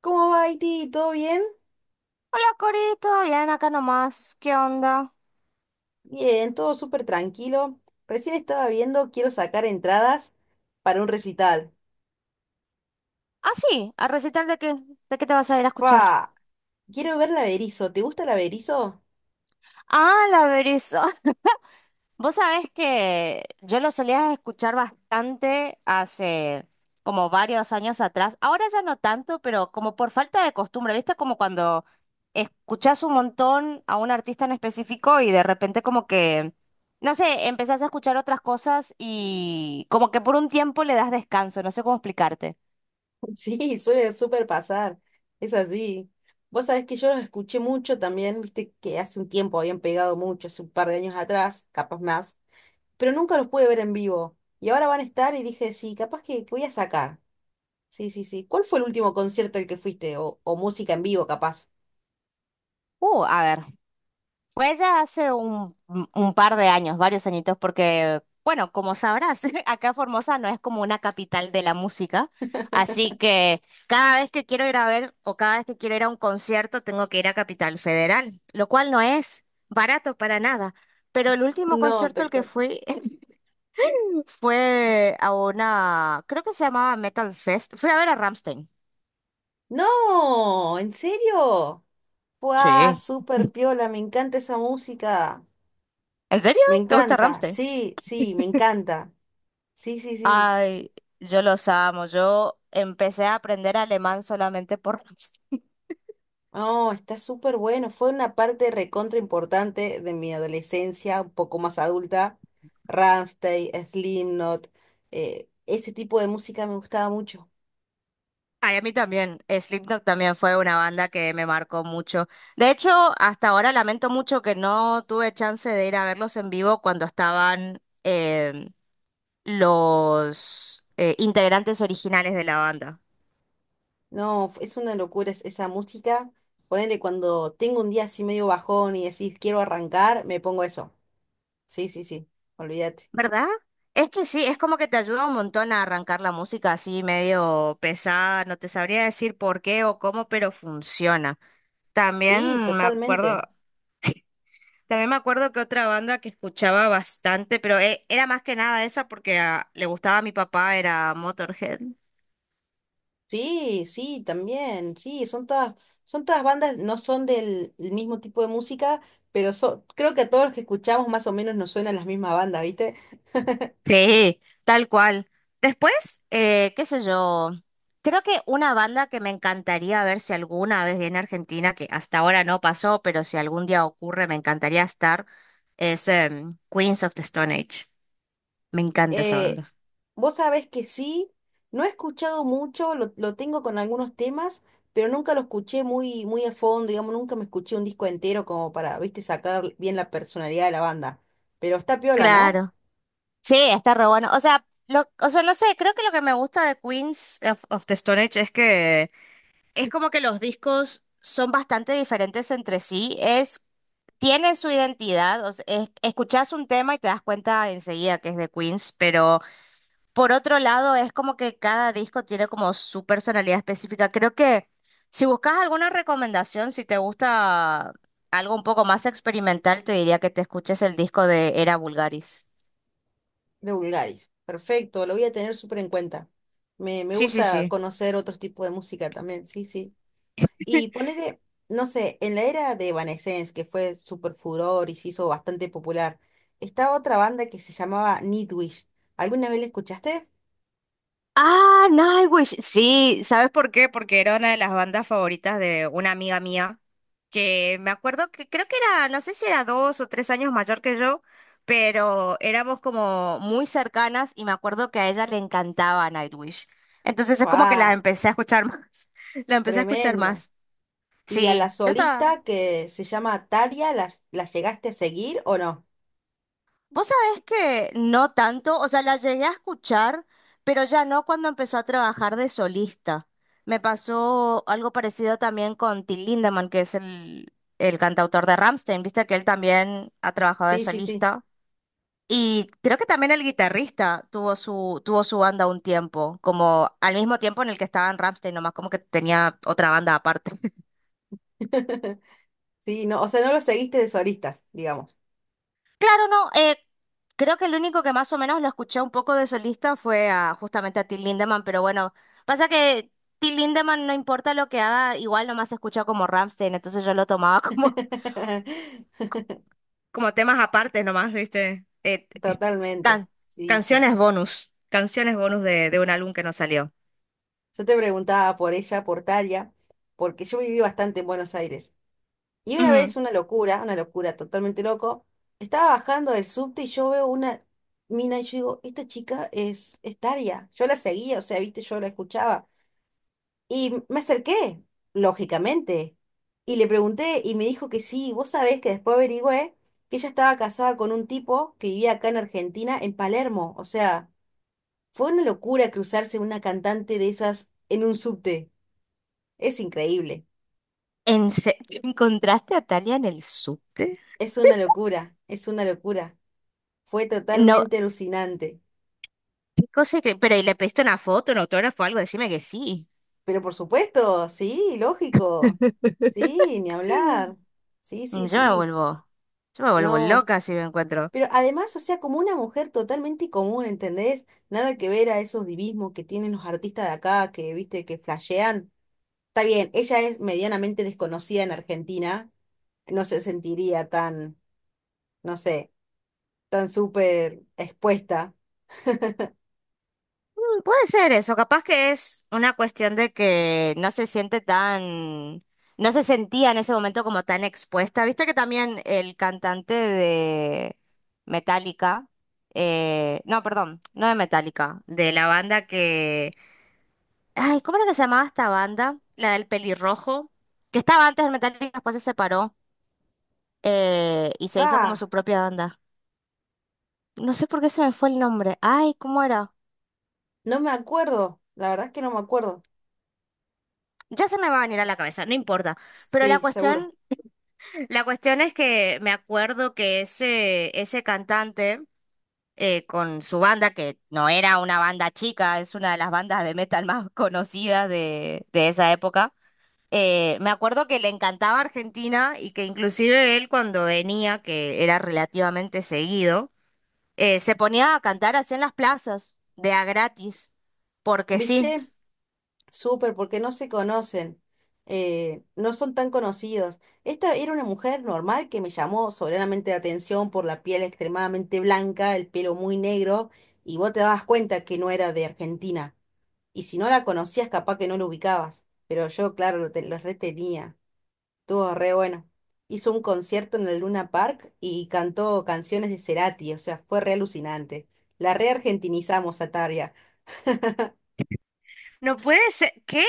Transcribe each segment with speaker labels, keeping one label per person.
Speaker 1: ¿Cómo va, Haití? ¿Todo bien?
Speaker 2: Hola, Corito, ya ven acá nomás. ¿Qué onda?
Speaker 1: Bien, todo súper tranquilo. Recién estaba viendo, quiero sacar entradas para un recital.
Speaker 2: Ah, sí, a recital de qué te vas a ir a escuchar.
Speaker 1: ¡Fa! Quiero ver la Berizo. ¿Te gusta la Berizo?
Speaker 2: Ah, la Berizo. Vos sabés que yo lo solía escuchar bastante hace como varios años atrás. Ahora ya no tanto, pero como por falta de costumbre, ¿viste? Como cuando escuchás un montón a un artista en específico y de repente como que, no sé, empezás a escuchar otras cosas y como que por un tiempo le das descanso, no sé cómo explicarte.
Speaker 1: Sí, suele súper pasar. Es así. Vos sabés que yo los escuché mucho también, viste que hace un tiempo habían pegado mucho, hace un par de años atrás, capaz más, pero nunca los pude ver en vivo. Y ahora van a estar y dije, sí, capaz que voy a sacar. Sí, sí, sí. ¿Cuál fue el último concierto al que fuiste? O música en vivo, capaz.
Speaker 2: A ver. Fue ya hace un par de años, varios añitos, porque, bueno, como sabrás, acá Formosa no es como una capital de la música, así que cada vez que quiero ir a ver o cada vez que quiero ir a un concierto tengo que ir a Capital Federal, lo cual no es barato para nada. Pero el último
Speaker 1: No,
Speaker 2: concierto al
Speaker 1: tal
Speaker 2: que
Speaker 1: cual.
Speaker 2: fui fue a una, creo que se llamaba Metal Fest, fui a ver a Ramstein.
Speaker 1: No, ¿en serio? ¡Guau!
Speaker 2: Sí.
Speaker 1: Súper piola, me encanta esa música.
Speaker 2: ¿En serio?
Speaker 1: Me
Speaker 2: ¿Te gusta
Speaker 1: encanta,
Speaker 2: Ramstein?
Speaker 1: sí, sí, me encanta. Sí, sí, sí.
Speaker 2: Ay, yo los amo. Yo empecé a aprender alemán solamente por...
Speaker 1: No, está súper bueno. Fue una parte recontra importante de mi adolescencia, un poco más adulta. Rammstein, Slipknot, ese tipo de música me gustaba mucho.
Speaker 2: Ay, a mí también. Slipknot también fue una banda que me marcó mucho. De hecho, hasta ahora lamento mucho que no tuve chance de ir a verlos en vivo cuando estaban los integrantes originales de la banda.
Speaker 1: No, es una locura esa música. Ponele cuando tengo un día así medio bajón y decís quiero arrancar, me pongo eso. Sí, sí, sí, olvídate.
Speaker 2: ¿Verdad? Es que sí, es como que te ayuda un montón a arrancar la música así medio pesada. No te sabría decir por qué o cómo, pero funciona.
Speaker 1: Sí,
Speaker 2: También me acuerdo,
Speaker 1: totalmente.
Speaker 2: también me acuerdo que otra banda que escuchaba bastante, pero era más que nada esa porque le gustaba a mi papá, era Motorhead.
Speaker 1: Sí, sí, también. Sí, son todas bandas, no son del el mismo tipo de música, pero creo que a todos los que escuchamos más o menos nos suenan las mismas bandas, ¿viste?
Speaker 2: Sí, tal cual. Después, qué sé yo, creo que una banda que me encantaría ver si alguna vez viene a Argentina, que hasta ahora no pasó, pero si algún día ocurre, me encantaría estar, es Queens of the Stone Age. Me encanta esa
Speaker 1: Eh,
Speaker 2: banda.
Speaker 1: vos sabés que sí, no he escuchado mucho, lo tengo con algunos temas, pero nunca lo escuché muy a fondo, digamos, nunca me escuché un disco entero como para, ¿viste? Sacar bien la personalidad de la banda. Pero está piola, ¿no?
Speaker 2: Claro, sí, está re bueno. O sea, lo, o sea, no sé, creo que lo que me gusta de Queens of the Stone Age es que es como que los discos son bastante diferentes entre sí. Es, tienen su identidad. O sea, escuchás un tema y te das cuenta enseguida que es de Queens, pero por otro lado es como que cada disco tiene como su personalidad específica. Creo que si buscas alguna recomendación, si te gusta algo un poco más experimental, te diría que te escuches el disco de Era Vulgaris.
Speaker 1: De Bulgaris. Perfecto, lo voy a tener súper en cuenta. Me
Speaker 2: Sí, sí,
Speaker 1: gusta
Speaker 2: sí.
Speaker 1: conocer otros tipos de música también, sí, sí. Y ponele, no sé, en la era de Evanescence, que fue súper furor y se hizo bastante popular, estaba otra banda que se llamaba Nightwish. ¿Alguna vez la escuchaste?
Speaker 2: Ah, Nightwish. Sí, ¿sabes por qué? Porque era una de las bandas favoritas de una amiga mía. Que me acuerdo que creo que era, no sé si era dos o tres años mayor que yo, pero éramos como muy cercanas y me acuerdo que a ella le encantaba Nightwish. Entonces es como que la
Speaker 1: ¡Wow!
Speaker 2: empecé a escuchar más. La empecé a escuchar
Speaker 1: Tremendo.
Speaker 2: más.
Speaker 1: ¿Y a la
Speaker 2: Sí, yo estaba.
Speaker 1: solista que se llama Tarja, la llegaste a seguir o no?
Speaker 2: Vos sabés que no tanto, o sea, la llegué a escuchar, pero ya no cuando empezó a trabajar de solista. Me pasó algo parecido también con Till Lindemann, que es el cantautor de Rammstein, viste que él también ha trabajado de
Speaker 1: Sí, sí, sí.
Speaker 2: solista. Y creo que también el guitarrista tuvo su banda un tiempo, como al mismo tiempo en el que estaban Rammstein, nomás como que tenía otra banda aparte.
Speaker 1: Sí, no, o sea, no lo seguiste de solistas, digamos.
Speaker 2: Claro, no, creo que el único que más o menos lo escuché un poco de solista fue a, justamente a Till Lindemann, pero bueno, pasa que Till Lindemann no importa lo que haga, igual nomás se escucha como Rammstein, entonces yo lo tomaba como, como temas aparte nomás, ¿viste?
Speaker 1: Totalmente,
Speaker 2: Can-
Speaker 1: sí, sí.
Speaker 2: canciones bonus de un álbum que no salió.
Speaker 1: Yo te preguntaba por ella, por Taria, porque yo viví bastante en Buenos Aires. Y una vez, una locura totalmente loco, estaba bajando del subte y yo veo una mina y yo digo, esta chica es Taria. Yo la seguía, o sea, viste, yo la escuchaba. Y me acerqué, lógicamente, y le pregunté y me dijo que sí. Vos sabés que después averigüé que ella estaba casada con un tipo que vivía acá en Argentina, en Palermo, o sea... Fue una locura cruzarse una cantante de esas en un subte. Es increíble.
Speaker 2: ¿Encontraste a Talia en el subte?
Speaker 1: Es una locura, es una locura. Fue
Speaker 2: No,
Speaker 1: totalmente alucinante.
Speaker 2: qué cosa que... Pero ¿y le pediste una foto, un autógrafo, algo? Decime que sí.
Speaker 1: Pero por supuesto, sí, lógico. Sí, ni hablar. Sí,
Speaker 2: Yo
Speaker 1: sí,
Speaker 2: me
Speaker 1: sí.
Speaker 2: vuelvo... Yo me vuelvo
Speaker 1: No,
Speaker 2: loca si me encuentro.
Speaker 1: pero además, o sea, como una mujer totalmente común, ¿entendés? Nada que ver a esos divismos que tienen los artistas de acá, que, viste, que flashean. Está bien, ella es medianamente desconocida en Argentina. No se sentiría tan, no sé tan súper expuesta.
Speaker 2: Mm, puede ser eso, capaz que es una cuestión de que no se siente tan... No se sentía en ese momento como tan expuesta. Viste que también el cantante de Metallica... No, perdón, no de Metallica, de la banda que ay, ¿cómo era que se llamaba esta banda? La del pelirrojo, que estaba antes del Metallica, después se separó y se hizo como
Speaker 1: Ah,
Speaker 2: su propia banda. No sé por qué se me fue el nombre. Ay, ¿cómo era?
Speaker 1: no me acuerdo, la verdad es que no me acuerdo.
Speaker 2: Ya se me va a venir a la cabeza, no importa. Pero
Speaker 1: Sí, seguro.
Speaker 2: la cuestión es que me acuerdo que ese cantante con su banda, que no era una banda chica, es una de las bandas de metal más conocidas de esa época. Me acuerdo que le encantaba Argentina y que inclusive él cuando venía, que era relativamente seguido, se ponía a cantar así en las plazas, de a gratis, porque sí.
Speaker 1: ¿Viste? Súper, porque no se conocen, no son tan conocidos. Esta era una mujer normal que me llamó soberanamente la atención por la piel extremadamente blanca, el pelo muy negro, y vos te dabas cuenta que no era de Argentina. Y si no la conocías, capaz que no lo ubicabas. Pero yo, claro, lo retenía. Estuvo re bueno. Hizo un concierto en el Luna Park y cantó canciones de Cerati, o sea, fue re alucinante. La reargentinizamos a Tarja.
Speaker 2: No puede ser, qué,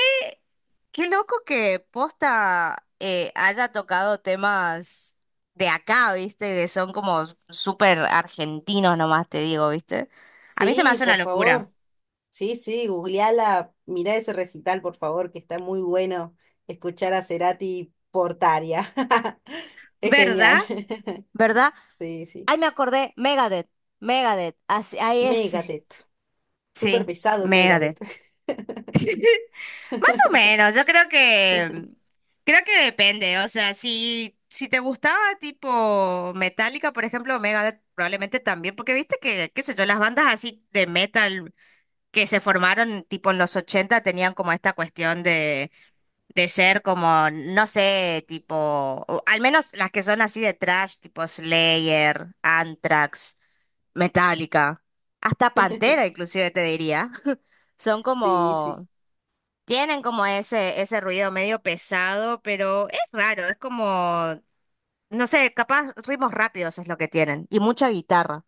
Speaker 2: qué loco que Posta haya tocado temas de acá, ¿viste? Que son como súper argentinos nomás, te digo, ¿viste? A mí se me
Speaker 1: Sí,
Speaker 2: hace una
Speaker 1: por
Speaker 2: locura,
Speaker 1: favor. Sí, sí, googleala, mirá ese recital, por favor, que está muy bueno escuchar a Cerati por Tarja. Es
Speaker 2: ¿verdad?
Speaker 1: genial.
Speaker 2: ¿Verdad?
Speaker 1: Sí, sí.
Speaker 2: Ay, me acordé, Megadeth, Megadeth, así, ahí es.
Speaker 1: Megadeth. Súper
Speaker 2: Sí,
Speaker 1: pesado
Speaker 2: Megadeth.
Speaker 1: Megadeth.
Speaker 2: Más o menos, yo creo que creo que depende, o sea, si te gustaba tipo Metallica, por ejemplo, Megadeth probablemente también, porque viste que qué sé yo, las bandas así de metal que se formaron tipo en los 80 tenían como esta cuestión de ser como no sé, tipo o al menos las que son así de trash, tipo Slayer, Anthrax, Metallica, hasta Pantera inclusive te diría. Son
Speaker 1: Sí, sí.
Speaker 2: como tienen como ese ruido medio pesado, pero es raro, es como, no sé, capaz ritmos rápidos es lo que tienen. Y mucha guitarra.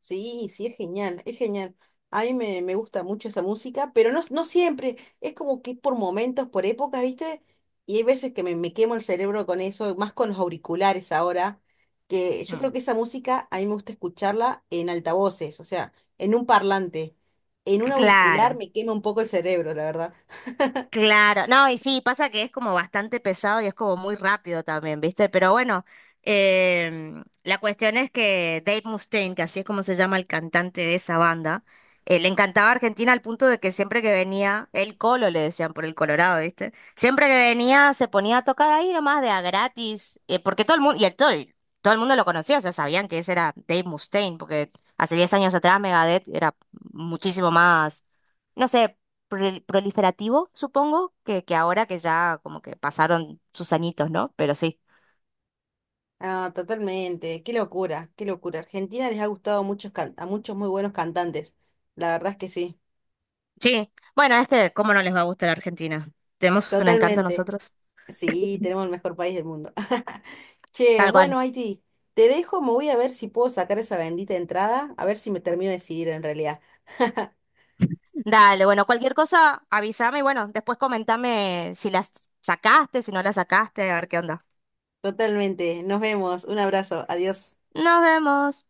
Speaker 1: Sí, sí, es genial, es genial. A mí me gusta mucho esa música, pero no, no siempre. Es como que por momentos, por épocas, ¿viste? Y hay veces que me quemo el cerebro con eso, más con los auriculares ahora, que yo creo
Speaker 2: Mm.
Speaker 1: que esa música a mí me gusta escucharla en altavoces, o sea, en un parlante. En un auricular
Speaker 2: Claro.
Speaker 1: me quema un poco el cerebro, la verdad.
Speaker 2: Claro, no, y sí, pasa que es como bastante pesado y es como muy rápido también, ¿viste? Pero bueno, la cuestión es que Dave Mustaine, que así es como se llama el cantante de esa banda, le encantaba Argentina al punto de que siempre que venía, el Colo le decían por el Colorado, ¿viste? Siempre que venía se ponía a tocar ahí nomás de a gratis, porque todo el mundo, todo el mundo lo conocía, o sea, sabían que ese era Dave Mustaine, porque hace 10 años atrás Megadeth era muchísimo más no sé, proliferativo, supongo, que ahora que ya como que pasaron sus añitos, ¿no? Pero sí.
Speaker 1: Ah, totalmente. Qué locura, qué locura. Argentina les ha gustado a muchos, a muchos muy buenos cantantes. La verdad es que sí,
Speaker 2: Sí, bueno, es que cómo no les va a gustar Argentina. Tenemos un encanto
Speaker 1: totalmente.
Speaker 2: nosotros.
Speaker 1: Sí, tenemos el mejor país del mundo. Che,
Speaker 2: Tal cual.
Speaker 1: bueno, Haití, te dejo, me voy a ver si puedo sacar esa bendita entrada, a ver si me termino de decidir en realidad.
Speaker 2: Dale, bueno, cualquier cosa, avísame y bueno, después comentame si las sacaste, si no las sacaste, a ver qué onda.
Speaker 1: Totalmente, nos vemos, un abrazo, adiós.
Speaker 2: Nos vemos.